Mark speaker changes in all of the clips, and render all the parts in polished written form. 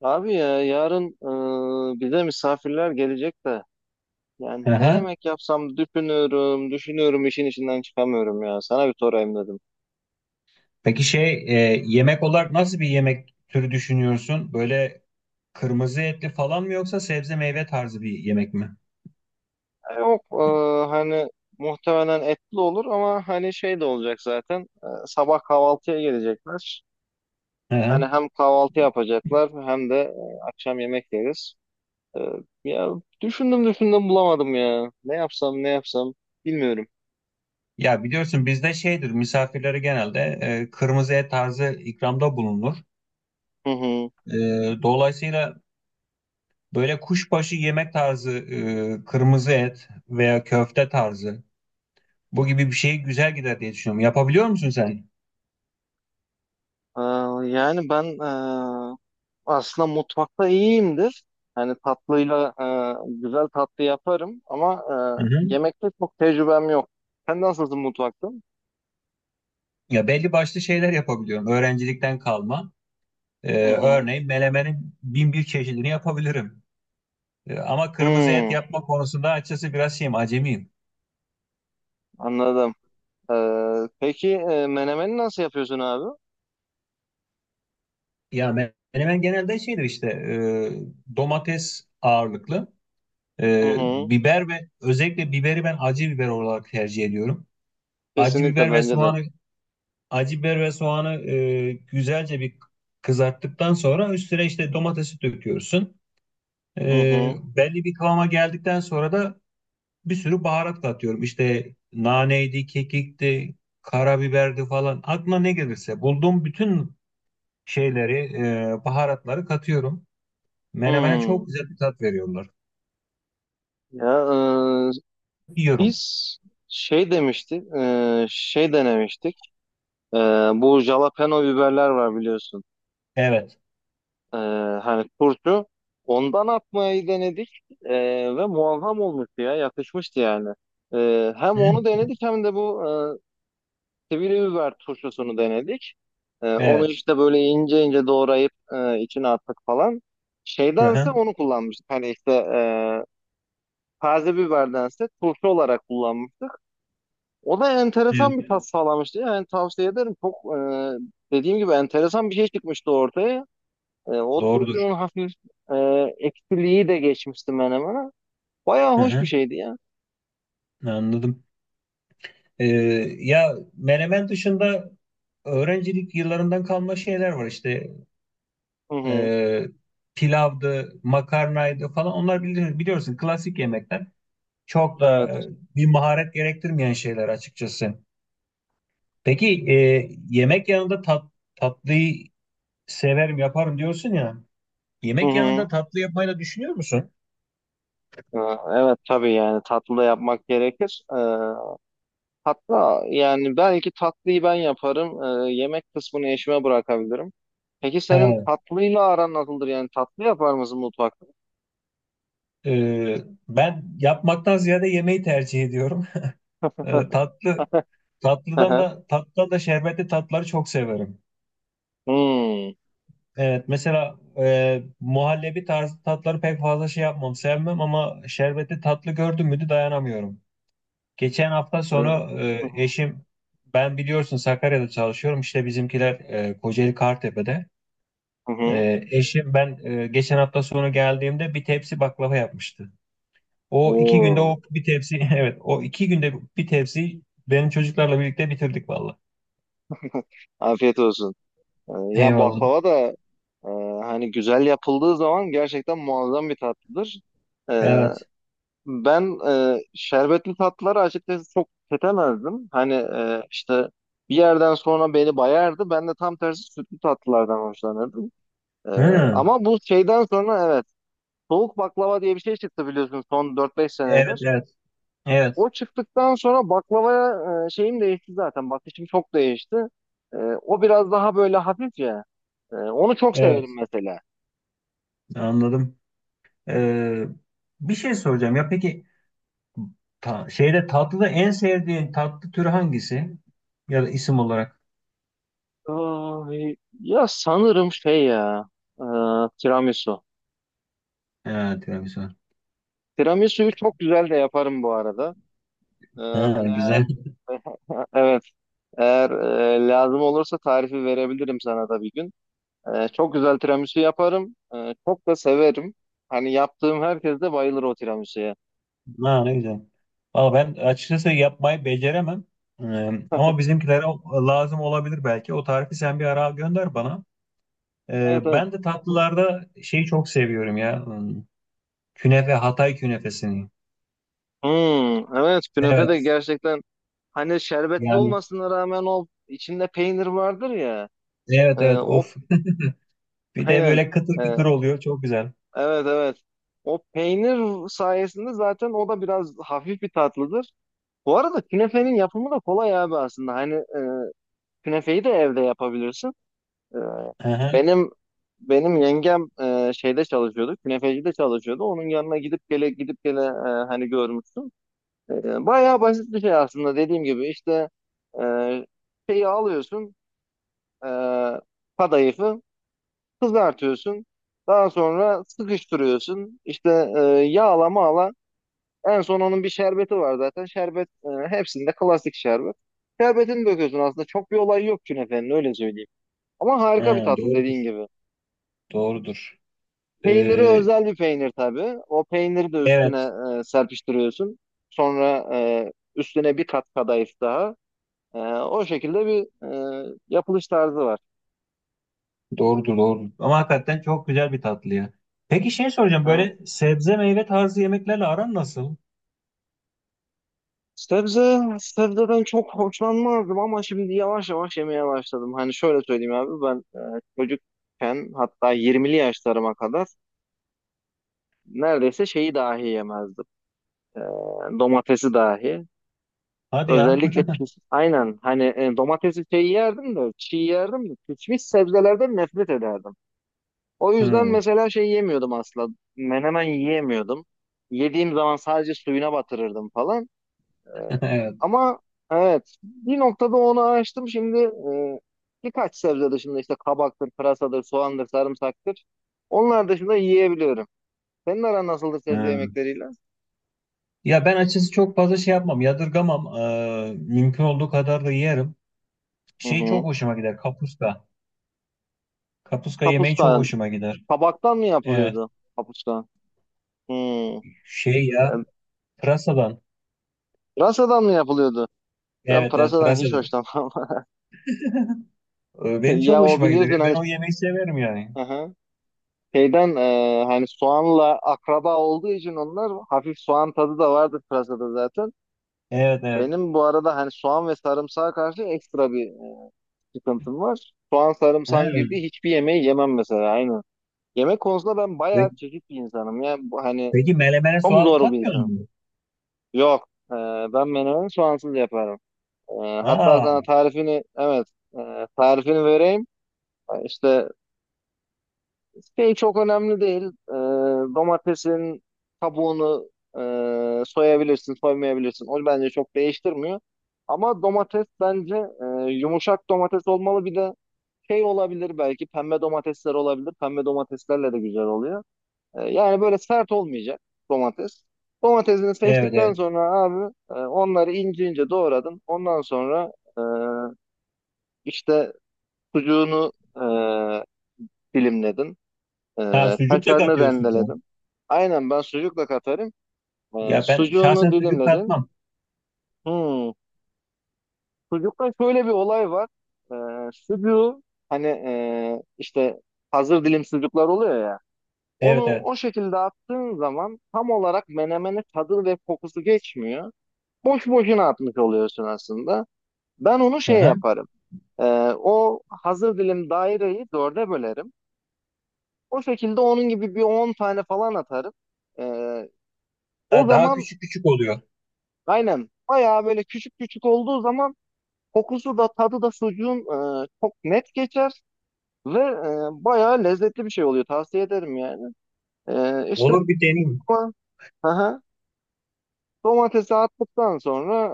Speaker 1: Abi ya yarın bize misafirler gelecek de
Speaker 2: Hı
Speaker 1: yani ne
Speaker 2: hı.
Speaker 1: yemek yapsam düşünüyorum işin içinden çıkamıyorum ya sana bir sorayım dedim.
Speaker 2: Peki yemek olarak nasıl bir yemek türü düşünüyorsun? Böyle kırmızı etli falan mı yoksa sebze meyve tarzı bir yemek mi?
Speaker 1: Yok, hani muhtemelen etli olur ama hani şey de olacak zaten sabah kahvaltıya gelecekler.
Speaker 2: Hı
Speaker 1: Hani
Speaker 2: hı.
Speaker 1: hem kahvaltı yapacaklar hem de akşam yemek yeriz. E, ya düşündüm bulamadım ya ne yapsam bilmiyorum.
Speaker 2: Ya biliyorsun bizde şeydir misafirlere genelde kırmızı et tarzı ikramda bulunur.
Speaker 1: Hı hı.
Speaker 2: Dolayısıyla böyle kuşbaşı yemek tarzı, kırmızı et veya köfte tarzı, bu gibi bir şey güzel gider diye düşünüyorum. Yapabiliyor musun sen?
Speaker 1: E, yani ben Aslında mutfakta iyiyimdir. Hani tatlıyla güzel tatlı yaparım ama
Speaker 2: Hı hı.
Speaker 1: yemekte çok tecrübem yok. Sen nasılsın mutfakta?
Speaker 2: Ya belli başlı şeyler yapabiliyorum. Öğrencilikten kalma.
Speaker 1: Hı hı.
Speaker 2: Örneğin melemenin bin bir çeşidini yapabilirim. Ama kırmızı et
Speaker 1: Hmm,
Speaker 2: yapma konusunda açıkçası biraz şeyim, acemiyim.
Speaker 1: anladım. E, peki, menemeni nasıl yapıyorsun abi?
Speaker 2: Melemen genelde şeydir işte, domates ağırlıklı.
Speaker 1: Hı
Speaker 2: E,
Speaker 1: hı.
Speaker 2: Biber ve özellikle biberi ben acı biber olarak tercih ediyorum. Acı
Speaker 1: Kesinlikle
Speaker 2: biber ve
Speaker 1: bence de.
Speaker 2: soğanı acı biber ve soğanı güzelce bir kızarttıktan sonra üstüne işte domatesi döküyorsun. E,
Speaker 1: Hı hı.
Speaker 2: Belli bir kıvama geldikten sonra da bir sürü baharat katıyorum. İşte naneydi, kekikti, karabiberdi falan. Aklına ne gelirse bulduğum bütün şeyleri, baharatları katıyorum. Menemene
Speaker 1: Hmm.
Speaker 2: çok güzel bir tat veriyorlar.
Speaker 1: Ya e,
Speaker 2: Yiyorum.
Speaker 1: biz şey demiştik, şey denemiştik. E, Bu jalapeno biberler var biliyorsun.
Speaker 2: Evet.
Speaker 1: Ee, Hani turşu ondan atmayı denedik, ve muazzam olmuştu ya yakışmıştı yani. Hem
Speaker 2: Hı?
Speaker 1: onu denedik hem de bu sivri biber turşusunu denedik. Onu
Speaker 2: Evet.
Speaker 1: işte böyle ince ince doğrayıp içine attık falan.
Speaker 2: Hı
Speaker 1: Şeydense
Speaker 2: hı.
Speaker 1: onu kullanmıştık. Hani işte taze biberdense turşu olarak kullanmıştık. O da enteresan
Speaker 2: Evet.
Speaker 1: bir tat, evet, sağlamıştı. Yani tavsiye ederim. Dediğim gibi enteresan bir şey çıkmıştı ortaya. O
Speaker 2: Doğrudur.
Speaker 1: turşunun hafif e, eksiliği de geçmişti menemene. Bayağı
Speaker 2: Hı
Speaker 1: hoş bir
Speaker 2: hı.
Speaker 1: şeydi ya.
Speaker 2: Anladım. E, Ya menemen dışında öğrencilik yıllarından kalma şeyler var işte.
Speaker 1: Hı hı.
Speaker 2: E, Pilavdı, makarnaydı falan. Onlar bilir, biliyorsun klasik yemekler. Çok da
Speaker 1: Evet.
Speaker 2: bir maharet gerektirmeyen şeyler açıkçası. Peki, yemek yanında tatlıyı severim yaparım diyorsun ya.
Speaker 1: Hı
Speaker 2: Yemek yanında
Speaker 1: hı.
Speaker 2: tatlı yapmayı da düşünüyor musun?
Speaker 1: E, Evet, tabii, yani tatlı da yapmak gerekir. Hatta yani belki tatlıyı ben yaparım. Yemek kısmını eşime bırakabilirim. Peki senin
Speaker 2: He,
Speaker 1: tatlıyla aran nasıldır? Yani tatlı yapar mısın mutfakta?
Speaker 2: e, Ben yapmaktan ziyade yemeği tercih ediyorum. E, tatlı
Speaker 1: Hı
Speaker 2: tatlıdan
Speaker 1: hı.
Speaker 2: da tatlıdan da şerbetli tatları çok severim.
Speaker 1: Hmm.
Speaker 2: Evet, mesela muhallebi tarzı tatları pek fazla şey yapmam, sevmem, ama şerbetli tatlı gördüm müydü dayanamıyorum. Geçen hafta
Speaker 1: E,
Speaker 2: sonu e, eşim ben biliyorsun Sakarya'da çalışıyorum, işte bizimkiler Kocaeli Kartepe'de.
Speaker 1: Hı hı.
Speaker 2: Eşim geçen hafta sonu geldiğimde bir tepsi baklava yapmıştı. O iki günde
Speaker 1: Oo,
Speaker 2: o bir tepsi evet, o iki günde bir tepsi, benim çocuklarla birlikte bitirdik valla.
Speaker 1: afiyet olsun. Ya
Speaker 2: Eyvallah.
Speaker 1: baklava da Ee, hani güzel yapıldığı zaman gerçekten muazzam bir tatlıdır. Ee,
Speaker 2: Evet.
Speaker 1: ben şerbetli tatlıları açıkçası çok tüketemezdim. Hani işte bir yerden sonra beni bayardı. Ben de tam tersi sütlü tatlılardan hoşlanırdım. Ee,
Speaker 2: Hı.
Speaker 1: Ama bu şeyden sonra, evet, soğuk baklava diye bir şey çıktı biliyorsun son dört beş
Speaker 2: Evet,
Speaker 1: senedir.
Speaker 2: evet. Evet.
Speaker 1: O çıktıktan sonra baklavaya şeyim değişti zaten. Bakışım çok değişti. O biraz daha böyle hafif ya. Onu çok severim
Speaker 2: Evet.
Speaker 1: mesela.
Speaker 2: Anladım. E, Bir şey soracağım ya, peki şeyde, tatlıda en sevdiğin tatlı türü hangisi? Ya da isim olarak.
Speaker 1: Ay, ya sanırım şey ya, e, tiramisu.
Speaker 2: Ha, tiramisu var.
Speaker 1: Tiramisu'yu çok güzel de yaparım bu arada.
Speaker 2: Ha,
Speaker 1: Hani eğer
Speaker 2: güzel.
Speaker 1: evet, eğer lazım olursa tarifi verebilirim sana da bir gün. Çok güzel tiramisu yaparım. Çok da severim. Hani yaptığım herkes de bayılır o tiramisu'ya.
Speaker 2: Ha, ne güzel. Valla ben açıkçası yapmayı beceremem. Ee, Ama bizimkilere lazım olabilir belki. O tarifi sen bir ara gönder bana.
Speaker 1: Evet, evet.
Speaker 2: Ben de tatlılarda şeyi çok seviyorum ya. Hmm, künefe, Hatay künefesini.
Speaker 1: Hmm, evet, künefe de
Speaker 2: Evet.
Speaker 1: gerçekten hani şerbetli
Speaker 2: Yani
Speaker 1: olmasına rağmen o içinde peynir vardır ya. E,
Speaker 2: evet, evet,
Speaker 1: o
Speaker 2: of. Bir de
Speaker 1: aynen.
Speaker 2: böyle kıtır
Speaker 1: e,
Speaker 2: kıtır oluyor. Çok güzel.
Speaker 1: Evet, evet. O peynir sayesinde zaten o da biraz hafif bir tatlıdır. Bu arada künefenin yapımı da kolay abi aslında. Hani künefeyi de evde yapabilirsin. E,
Speaker 2: Aha,
Speaker 1: benim benim yengem şeyde çalışıyordu. Künefecide çalışıyordu. Onun yanına gidip gele gidip gele hani görmüştüm. Bayağı basit bir şey aslında dediğim gibi. İşte e, şeyi alıyorsun. E, Kadayıfı kızartıyorsun. Daha sonra sıkıştırıyorsun. İşte yağla mağla. En son onun bir şerbeti var zaten. Şerbet, hepsinde klasik şerbet. Şerbetini döküyorsun aslında. Çok bir olay yok künefenin, öyle söyleyeyim. Ama harika bir
Speaker 2: ha,
Speaker 1: tatlı dediğin
Speaker 2: doğrudur.
Speaker 1: gibi.
Speaker 2: Doğrudur.
Speaker 1: Peyniri
Speaker 2: Ee,
Speaker 1: özel bir peynir tabii. O peyniri de üstüne
Speaker 2: evet.
Speaker 1: serpiştiriyorsun. Sonra üstüne bir kat kadayıf daha. O şekilde bir yapılış tarzı var.
Speaker 2: Doğrudur, doğrudur. Ama hakikaten çok güzel bir tatlı ya. Peki şey soracağım,
Speaker 1: Evet.
Speaker 2: böyle sebze meyve tarzı yemeklerle aran nasıl?
Speaker 1: Sebze, sebzeden çok hoşlanmazdım ama şimdi yavaş yavaş yemeye başladım. Hani şöyle söyleyeyim abi, ben çocukken hatta 20'li yaşlarıma kadar neredeyse şeyi dahi yemezdim. E, Domatesi dahi.
Speaker 2: Hadi ya.
Speaker 1: Özellikle pis, aynen, hani domatesi şey yerdim de çiğ yerdim de pişmiş sebzelerden nefret ederdim. O yüzden
Speaker 2: Hmm,
Speaker 1: mesela şey yemiyordum asla. Menemen yiyemiyordum. Yediğim zaman sadece suyuna batırırdım falan. Ee,
Speaker 2: evet.
Speaker 1: Ama evet, bir noktada onu açtım, şimdi birkaç sebze dışında işte kabaktır, pırasadır, soğandır, sarımsaktır. Onlar dışında yiyebiliyorum. Senin aran nasıldır sebze
Speaker 2: Hmm.
Speaker 1: yemekleriyle?
Speaker 2: Ya ben açıkçası çok fazla şey yapmam, yadırgamam. Mümkün olduğu kadar da yerim.
Speaker 1: Hı
Speaker 2: Şey çok
Speaker 1: hı.
Speaker 2: hoşuma gider, kapuska. Kapuska yemeği çok
Speaker 1: Kapuska.
Speaker 2: hoşuma gider.
Speaker 1: Kabaktan mı
Speaker 2: Evet.
Speaker 1: yapılıyordu? Kapuska. Hı.
Speaker 2: Şey ya,
Speaker 1: Yani
Speaker 2: pırasadan.
Speaker 1: pırasadan mı yapılıyordu? Ben
Speaker 2: Evet, evet,
Speaker 1: pırasadan hiç
Speaker 2: pırasadan.
Speaker 1: hoşlanmam.
Speaker 2: Benim çok
Speaker 1: Ya o
Speaker 2: hoşuma gider ya.
Speaker 1: biliyorsun hani,
Speaker 2: Ben o yemeği severim yani.
Speaker 1: hı, hani soğanla akraba olduğu için onlar hafif soğan tadı da vardır pırasada zaten.
Speaker 2: Evet, evet.
Speaker 1: Benim bu arada hani soğan ve sarımsağa karşı ekstra bir sıkıntım var. Soğan
Speaker 2: Ha,
Speaker 1: sarımsağın girdiği hiçbir yemeği yemem mesela aynı. Yemek konusunda ben
Speaker 2: pe-
Speaker 1: bayağı çekik bir insanım. Yani bu hani
Speaker 2: peki melemene
Speaker 1: çok
Speaker 2: soğan
Speaker 1: zor bir
Speaker 2: katmıyor
Speaker 1: insanım.
Speaker 2: musun?
Speaker 1: Yok. Ben menemeni soğansız yaparım. E, Hatta
Speaker 2: Aa,
Speaker 1: sana tarifini, evet, tarifini vereyim. E, İşte Şey çok önemli değil. Ee, Domatesin kabuğunu soyabilirsin, soymayabilirsin. O bence çok değiştirmiyor. Ama domates bence yumuşak domates olmalı. Bir de şey olabilir, belki pembe domatesler olabilir. Pembe domateslerle de güzel oluyor. Yani böyle sert olmayacak domates. Domatesini
Speaker 2: evet,
Speaker 1: seçtikten
Speaker 2: evet.
Speaker 1: sonra abi, onları ince ince doğradın. Ondan sonra e, işte sucuğunu dilimledin.
Speaker 2: Ha, sucuk da
Speaker 1: Kaşarını
Speaker 2: katıyorsun sen.
Speaker 1: rendeledim. Aynen, ben sucukla katarım.
Speaker 2: Ya ben şahsen
Speaker 1: Sucuğunu
Speaker 2: sucuk
Speaker 1: dilimledim.
Speaker 2: katmam.
Speaker 1: Hmm. Sucukta şöyle bir olay var. Sucuğu hani işte hazır dilim sucuklar oluyor ya. Onu
Speaker 2: Evet, evet.
Speaker 1: o şekilde attığın zaman tam olarak menemenin tadı ve kokusu geçmiyor. Boş boşuna atmış oluyorsun aslında. Ben onu
Speaker 2: Hı
Speaker 1: şey
Speaker 2: hı.
Speaker 1: yaparım. Ee, O hazır dilim daireyi dörde bölerim. O şekilde onun gibi bir 10 tane falan atarım. Ee, o
Speaker 2: Ha, daha
Speaker 1: zaman
Speaker 2: küçük küçük oluyor.
Speaker 1: Aynen. Bayağı böyle küçük küçük olduğu zaman kokusu da tadı da sucuğun çok net geçer ve bayağı lezzetli bir şey oluyor. Tavsiye ederim yani. E, işte
Speaker 2: Olur, bir deneyeyim.
Speaker 1: ama- aha, Domatesi attıktan sonra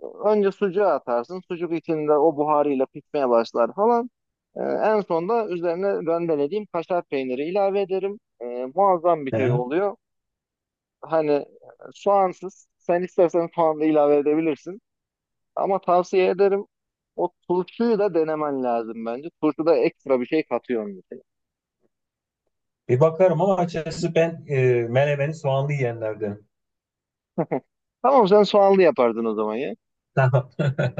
Speaker 1: önce sucuğu atarsın. Sucuk içinde o buharıyla pişmeye başlar falan. En sonda üzerine rendelediğim kaşar peyniri ilave ederim. Muazzam bir
Speaker 2: Hı,
Speaker 1: şey
Speaker 2: hı.
Speaker 1: oluyor. Hani soğansız. Sen istersen soğan da ilave edebilirsin. Ama tavsiye ederim, o turşuyu da denemen lazım bence. Turşuda ekstra bir şey katıyorsun mesela.
Speaker 2: Bir bakarım ama açıkçası ben menemeni soğanlı yiyenlerdenim.
Speaker 1: Tamam, sen soğanlı yapardın o zaman ya.
Speaker 2: Tamam.